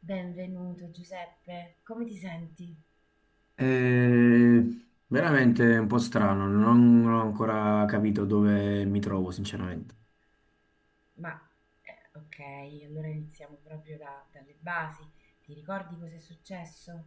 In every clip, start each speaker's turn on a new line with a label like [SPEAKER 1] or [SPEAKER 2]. [SPEAKER 1] Benvenuto Giuseppe, come ti senti?
[SPEAKER 2] Eh, Veramente è un po' strano, non ho ancora capito dove mi trovo, sinceramente.
[SPEAKER 1] Ma ok, allora iniziamo proprio dalle basi. Ti ricordi cosa è successo?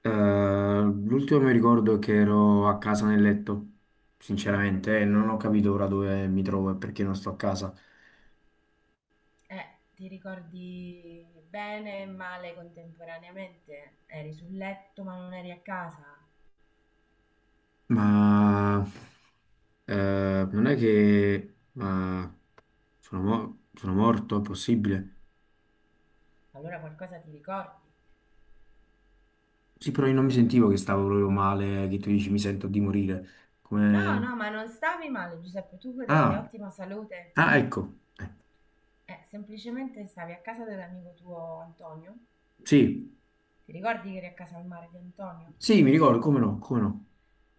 [SPEAKER 2] L'ultimo mi ricordo è che ero a casa nel letto, sinceramente, e non ho capito ora dove mi trovo e perché non sto a casa.
[SPEAKER 1] Eh, ti ricordi bene e male contemporaneamente? Eri sul letto ma non eri a casa?
[SPEAKER 2] Ma non è che eh, sono morto, è possibile?
[SPEAKER 1] Allora qualcosa ti ricordi?
[SPEAKER 2] Sì, però io non mi sentivo che stavo proprio male, che tu dici mi sento di morire.
[SPEAKER 1] No,
[SPEAKER 2] Come.
[SPEAKER 1] no, ma non stavi male Giuseppe, tu godevi di
[SPEAKER 2] Ah,
[SPEAKER 1] ottima salute.
[SPEAKER 2] ah, ecco,
[SPEAKER 1] Semplicemente stavi a casa dell'amico tuo Antonio?
[SPEAKER 2] sì.
[SPEAKER 1] Ti ricordi che eri a casa al mare di Antonio?
[SPEAKER 2] Sì, mi ricordo, come no, come no.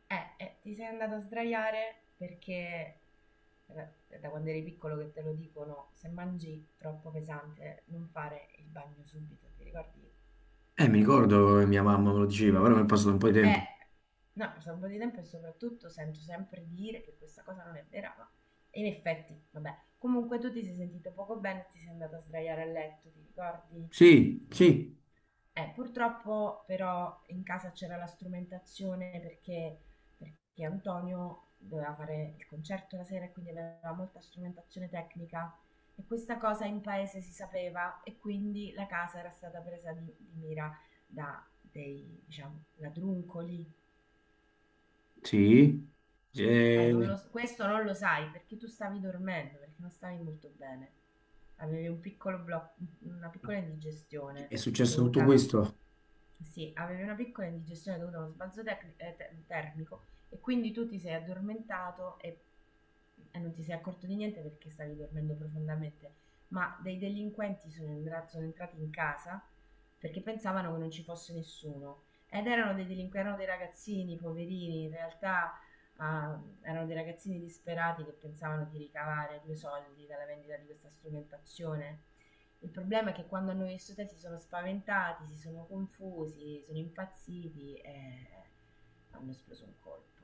[SPEAKER 1] Ti sei andato a sdraiare perché da quando eri piccolo che te lo dicono, se mangi troppo pesante non fare il bagno subito, ti ricordi?
[SPEAKER 2] Mi ricordo che mia mamma me lo diceva, però mi è
[SPEAKER 1] Cioè,
[SPEAKER 2] passato un po' di
[SPEAKER 1] eh,
[SPEAKER 2] tempo.
[SPEAKER 1] no, passa un po' di tempo e soprattutto sento sempre dire che questa cosa non è vera, ma in effetti, vabbè. Comunque tu ti sei sentito poco bene e ti sei andato a sdraiare a letto, ti ricordi?
[SPEAKER 2] Sì, sì,
[SPEAKER 1] Purtroppo però in casa c'era la strumentazione perché Antonio doveva fare il concerto la sera e quindi aveva molta strumentazione tecnica e questa cosa in paese si sapeva e quindi la casa era stata presa di mira da dei diciamo, ladruncoli.
[SPEAKER 2] sì.
[SPEAKER 1] Non
[SPEAKER 2] Eh,
[SPEAKER 1] lo- questo non lo sai perché tu stavi dormendo, perché non stavi molto bene. Avevi una piccola indigestione
[SPEAKER 2] è successo tutto
[SPEAKER 1] dovuta.
[SPEAKER 2] questo.
[SPEAKER 1] Sì, avevi una piccola indigestione dovuta a uno sbalzo termico e quindi tu ti sei addormentato e non ti sei accorto di niente perché stavi dormendo profondamente. Ma dei delinquenti sono entrati in casa perché pensavano che non ci fosse nessuno. Ed erano dei delinquenti, erano dei ragazzini, poverini, in realtà. Ah, erano dei ragazzini disperati che pensavano di ricavare due soldi dalla vendita di questa strumentazione. Il problema è che quando hanno visto te si sono spaventati, si sono confusi, sono impazziti e hanno esploso un colpo.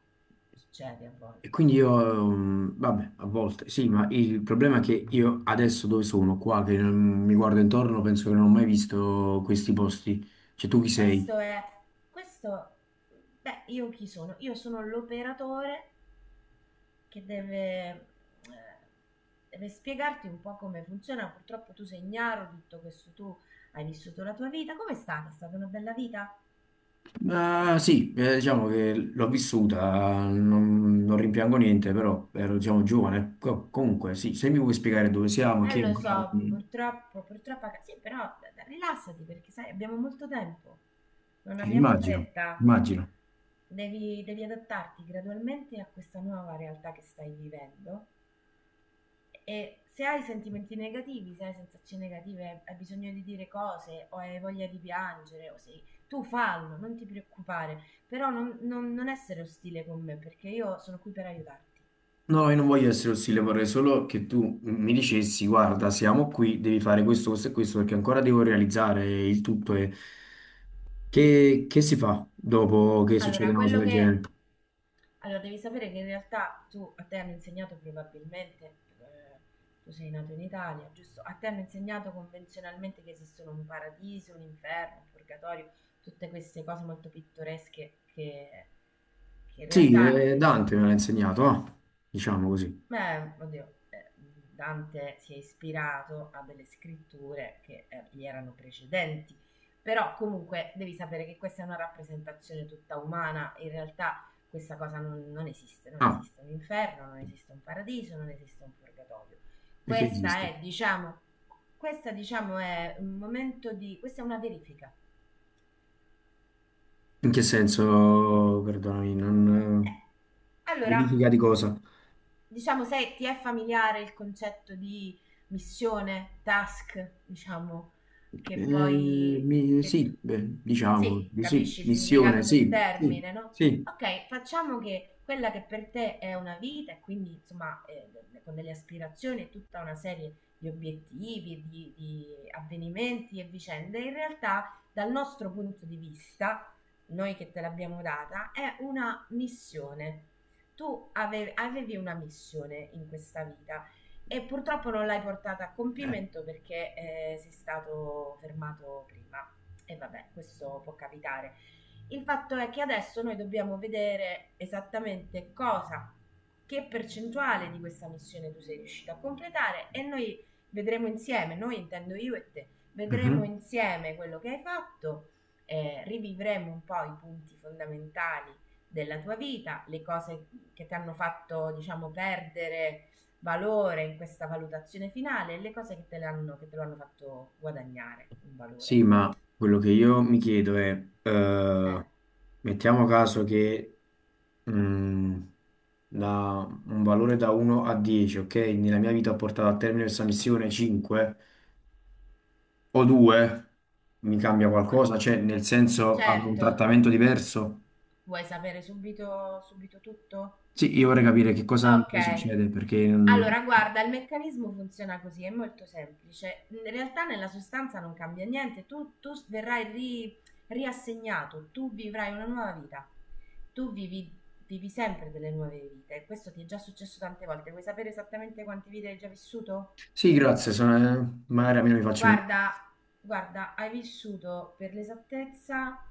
[SPEAKER 1] Succede a
[SPEAKER 2] E
[SPEAKER 1] volte.
[SPEAKER 2] quindi io, vabbè, a volte, sì, ma il problema è che io adesso dove sono, qua, che mi guardo intorno, penso che non ho mai visto questi posti. Cioè, tu chi sei?
[SPEAKER 1] Questo è... Questo... Beh, io chi sono? Io sono l'operatore che deve spiegarti un po' come funziona. Purtroppo tu sei ignaro di tutto questo, tu hai vissuto la tua vita. Come è stata? È stata una bella vita?
[SPEAKER 2] Ma sì, diciamo che l'ho vissuta, non rimpiango niente, però ero, diciamo, giovane. Comunque, sì, se mi vuoi spiegare dove siamo,
[SPEAKER 1] Eh,
[SPEAKER 2] chi è
[SPEAKER 1] lo
[SPEAKER 2] ancora.
[SPEAKER 1] so, purtroppo, purtroppo, sì, però rilassati perché sai, abbiamo molto tempo, non abbiamo
[SPEAKER 2] Immagino,
[SPEAKER 1] fretta.
[SPEAKER 2] immagino.
[SPEAKER 1] Devi adattarti gradualmente a questa nuova realtà che stai vivendo. E se hai sentimenti negativi, se hai sensazioni negative, hai bisogno di dire cose o hai voglia di piangere o sei. Tu fallo, non ti preoccupare, però non essere ostile con me perché io sono qui per aiutarti.
[SPEAKER 2] No, io non voglio essere ostile, vorrei solo che tu mi dicessi, guarda, siamo qui, devi fare questo, questo e questo, perché ancora devo realizzare il tutto. E. Che si fa dopo che succede
[SPEAKER 1] Allora,
[SPEAKER 2] una cosa
[SPEAKER 1] quello
[SPEAKER 2] del genere?
[SPEAKER 1] che... Allora, devi sapere che in realtà a te hanno insegnato probabilmente, tu sei nato in Italia, giusto? A te hanno insegnato convenzionalmente che esistono un paradiso, un inferno, un purgatorio, tutte queste cose molto pittoresche che in
[SPEAKER 2] Sì,
[SPEAKER 1] realtà
[SPEAKER 2] Dante me l'ha insegnato, ah, diciamo così.
[SPEAKER 1] Beh, oddio, Dante si è ispirato a delle scritture che gli erano precedenti, però comunque devi sapere che questa è una rappresentazione tutta umana, in realtà questa cosa non esiste, non
[SPEAKER 2] Ah,
[SPEAKER 1] esiste un inferno, non esiste un paradiso, non esiste un purgatorio.
[SPEAKER 2] perché
[SPEAKER 1] Questa
[SPEAKER 2] esiste?
[SPEAKER 1] è, diciamo, questa diciamo è un momento di, questa è una verifica.
[SPEAKER 2] In che senso, perdonami, non.
[SPEAKER 1] Eh, Allora,
[SPEAKER 2] Verifica di cosa?
[SPEAKER 1] diciamo, se ti è familiare il concetto di missione, task, diciamo, che
[SPEAKER 2] Eh,
[SPEAKER 1] poi... Che
[SPEAKER 2] sì,
[SPEAKER 1] tu-
[SPEAKER 2] beh, diciamo,
[SPEAKER 1] sì,
[SPEAKER 2] di sì,
[SPEAKER 1] capisci il
[SPEAKER 2] missione,
[SPEAKER 1] significato del
[SPEAKER 2] sì, sì,
[SPEAKER 1] termine, no?
[SPEAKER 2] sì.
[SPEAKER 1] Ok, facciamo che quella che per te è una vita e quindi, insomma, con delle aspirazioni e tutta una serie di obiettivi, di avvenimenti e vicende, in realtà dal nostro punto di vista, noi che te l'abbiamo data, è una missione. Tu avevi una missione in questa vita e purtroppo non l'hai portata a
[SPEAKER 2] Eh,
[SPEAKER 1] compimento perché sei stato fermato prima. E vabbè, questo può capitare. Il fatto è che adesso noi dobbiamo vedere esattamente cosa, che percentuale di questa missione tu sei riuscito a completare e noi vedremo insieme, noi intendo io e te, vedremo
[SPEAKER 2] mhm.
[SPEAKER 1] insieme quello che hai fatto, rivivremo un po' i punti fondamentali della tua vita, le cose che ti hanno fatto, diciamo, perdere valore in questa valutazione finale e le cose che te lo hanno fatto guadagnare un
[SPEAKER 2] Sì,
[SPEAKER 1] valore.
[SPEAKER 2] ma quello che io mi chiedo è,
[SPEAKER 1] Eh,
[SPEAKER 2] mettiamo caso che mh, da un valore da 1 a 10, ok? Nella mia vita ho portato a termine questa missione 5 o 2, mi cambia
[SPEAKER 1] ma
[SPEAKER 2] qualcosa? Cioè, nel senso, avrò un
[SPEAKER 1] certo,
[SPEAKER 2] trattamento diverso?
[SPEAKER 1] vuoi sapere subito, subito tutto?
[SPEAKER 2] Sì, io vorrei capire che cosa mi
[SPEAKER 1] Okay.
[SPEAKER 2] succede, perché.
[SPEAKER 1] Allora guarda, il meccanismo funziona così, è molto semplice. In realtà nella sostanza non cambia niente, tu tu s verrai ri riassegnato, tu vivrai una nuova vita. Tu vivi sempre delle nuove vite. Questo ti è già successo tante volte. Vuoi sapere esattamente quante vite hai già vissuto?
[SPEAKER 2] Sì, grazie, magari a me non mi faccio niente.
[SPEAKER 1] Guarda guarda, hai vissuto per l'esattezza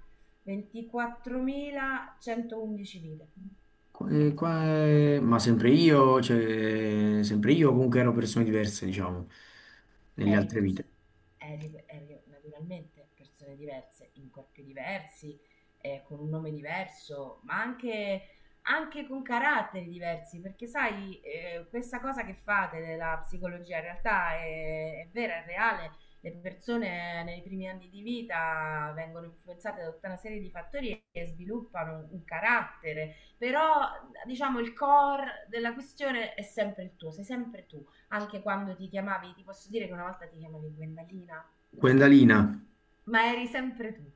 [SPEAKER 1] 24.111 vite.
[SPEAKER 2] Ma sempre io, cioè, sempre io comunque ero persone diverse, diciamo, nelle
[SPEAKER 1] eri,
[SPEAKER 2] altre
[SPEAKER 1] perso-
[SPEAKER 2] vite.
[SPEAKER 1] eri naturalmente persone diverse, in corpi diversi, con un nome diverso, ma anche con caratteri diversi, perché sai, questa cosa che fate della psicologia in realtà è vera, è reale. Le persone nei primi anni di vita vengono influenzate da tutta una serie di fattori che sviluppano un carattere, però diciamo il core della questione è sempre il tuo, sei sempre tu anche quando ti chiamavi, ti posso dire che una volta ti chiamavi Gwendalina,
[SPEAKER 2] Guendalina,
[SPEAKER 1] ma eri sempre tu.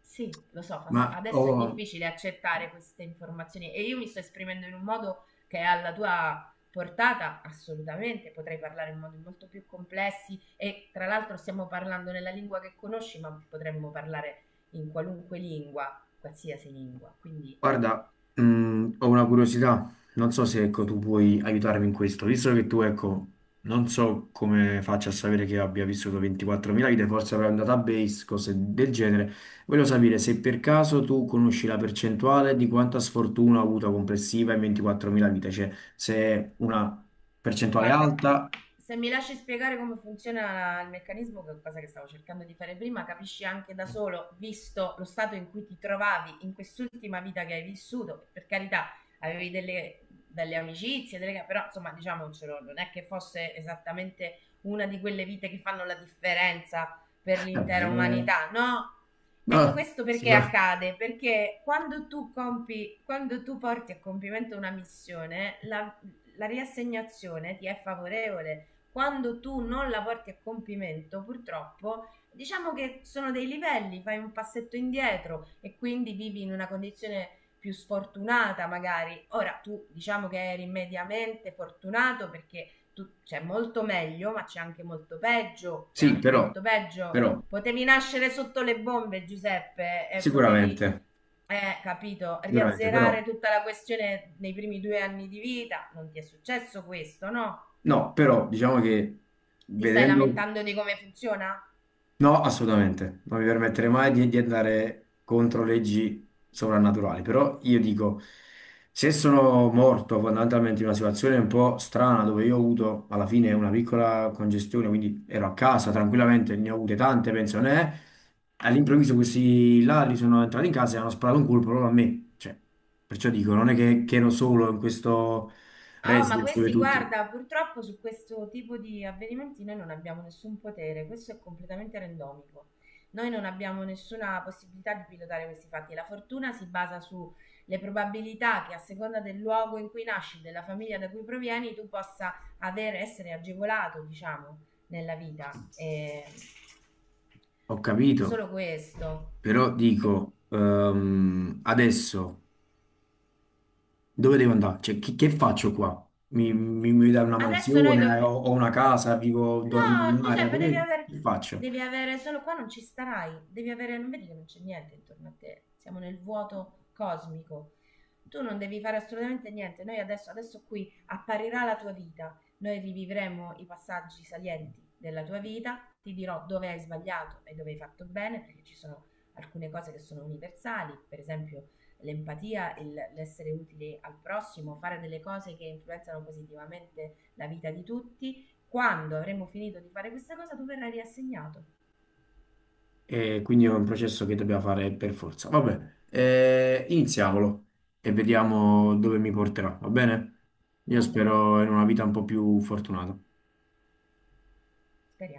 [SPEAKER 1] Sì, lo so,
[SPEAKER 2] ma ho
[SPEAKER 1] adesso è difficile accettare queste informazioni e io mi sto esprimendo in un modo che è alla tua portata, assolutamente, potrei parlare in modi molto più complessi e tra l'altro stiamo parlando nella lingua che conosci, ma potremmo parlare in qualunque lingua, qualsiasi lingua, quindi
[SPEAKER 2] Guarda, ho una curiosità, non so se ecco,
[SPEAKER 1] sì.
[SPEAKER 2] tu puoi aiutarmi in questo, visto che tu ecco, non so come faccia a sapere che abbia vissuto 24.000 vite, forse avrai un database, cose del genere, voglio sapere se per caso tu conosci la percentuale di quanta sfortuna ha avuto complessiva in 24.000 vite, cioè se è una percentuale
[SPEAKER 1] Guarda,
[SPEAKER 2] alta,
[SPEAKER 1] se mi lasci spiegare come funziona il meccanismo, che è cosa che stavo cercando di fare prima, capisci anche da solo, visto lo stato in cui ti trovavi in quest'ultima vita che hai vissuto, per carità, avevi delle, delle amicizie, delle, però insomma diciamocelo, non è che fosse esattamente una di quelle vite che fanno la differenza per
[SPEAKER 2] eh,
[SPEAKER 1] l'intera
[SPEAKER 2] beh,
[SPEAKER 1] umanità, no? E
[SPEAKER 2] no,
[SPEAKER 1] questo perché accade? Perché quando tu compi, quando tu porti a compimento una missione, la, la riassegnazione ti è favorevole. Quando tu non la porti a compimento, purtroppo, diciamo che sono dei livelli, fai un passetto indietro e quindi vivi in una condizione più sfortunata magari. Ora tu diciamo che eri mediamente fortunato perché c'è molto meglio, ma c'è anche molto peggio, c'è
[SPEAKER 2] sì,
[SPEAKER 1] anche
[SPEAKER 2] però,
[SPEAKER 1] molto peggio.
[SPEAKER 2] però,
[SPEAKER 1] Potevi nascere sotto le bombe, Giuseppe, e potevi,
[SPEAKER 2] sicuramente,
[SPEAKER 1] capito,
[SPEAKER 2] sicuramente, però.
[SPEAKER 1] riazzerare tutta la questione nei primi 2 anni di vita. Non ti è successo questo, no?
[SPEAKER 2] No, però diciamo che
[SPEAKER 1] Ti stai
[SPEAKER 2] vedendo.
[SPEAKER 1] lamentando di come funziona?
[SPEAKER 2] No, assolutamente, non mi permetterei mai di andare contro leggi sovrannaturali, però io dico, se sono morto fondamentalmente in una situazione un po' strana dove io ho avuto alla fine una piccola congestione, quindi ero a casa tranquillamente, ne ho avute tante, penso, ne All'improvviso questi là li sono entrati in casa e hanno sparato un colpo proprio a me, cioè, perciò dico, non è che ero solo in questo
[SPEAKER 1] Oh, ma
[SPEAKER 2] residence dove
[SPEAKER 1] questi,
[SPEAKER 2] tutti.
[SPEAKER 1] guarda, purtroppo su questo tipo di avvenimenti noi non abbiamo nessun potere, questo è completamente randomico. Noi non abbiamo nessuna possibilità di pilotare questi fatti. La fortuna si basa sulle probabilità che a seconda del luogo in cui nasci, della famiglia da cui provieni, tu possa avere, essere agevolato, diciamo, nella vita. E
[SPEAKER 2] Ho capito,
[SPEAKER 1] solo questo.
[SPEAKER 2] però
[SPEAKER 1] E
[SPEAKER 2] dico, adesso dove devo andare? Cioè, che faccio qua? Mi dai una
[SPEAKER 1] adesso noi
[SPEAKER 2] mansione, ho,
[SPEAKER 1] dobbiamo...
[SPEAKER 2] ho una casa, vivo, dormo in
[SPEAKER 1] No,
[SPEAKER 2] un'area,
[SPEAKER 1] Giuseppe,
[SPEAKER 2] dove che faccio?
[SPEAKER 1] devi avere, solo qua non ci starai, devi avere, non vedi che non c'è niente intorno a te, siamo nel vuoto cosmico. Tu non devi fare assolutamente niente, noi adesso, adesso qui apparirà la tua vita, noi rivivremo i passaggi salienti della tua vita, ti dirò dove hai sbagliato e dove hai fatto bene, perché ci sono alcune cose che sono universali, per esempio l'empatia, l'essere utile al prossimo, fare delle cose che influenzano positivamente la vita di tutti quando avremo finito di fare questa cosa tu verrai riassegnato.
[SPEAKER 2] E quindi è un processo che dobbiamo fare per forza. Vabbè, iniziamolo e vediamo dove mi porterà, va bene? Io
[SPEAKER 1] Va bene,
[SPEAKER 2] spero in una vita un po' più fortunata.
[SPEAKER 1] speriamo.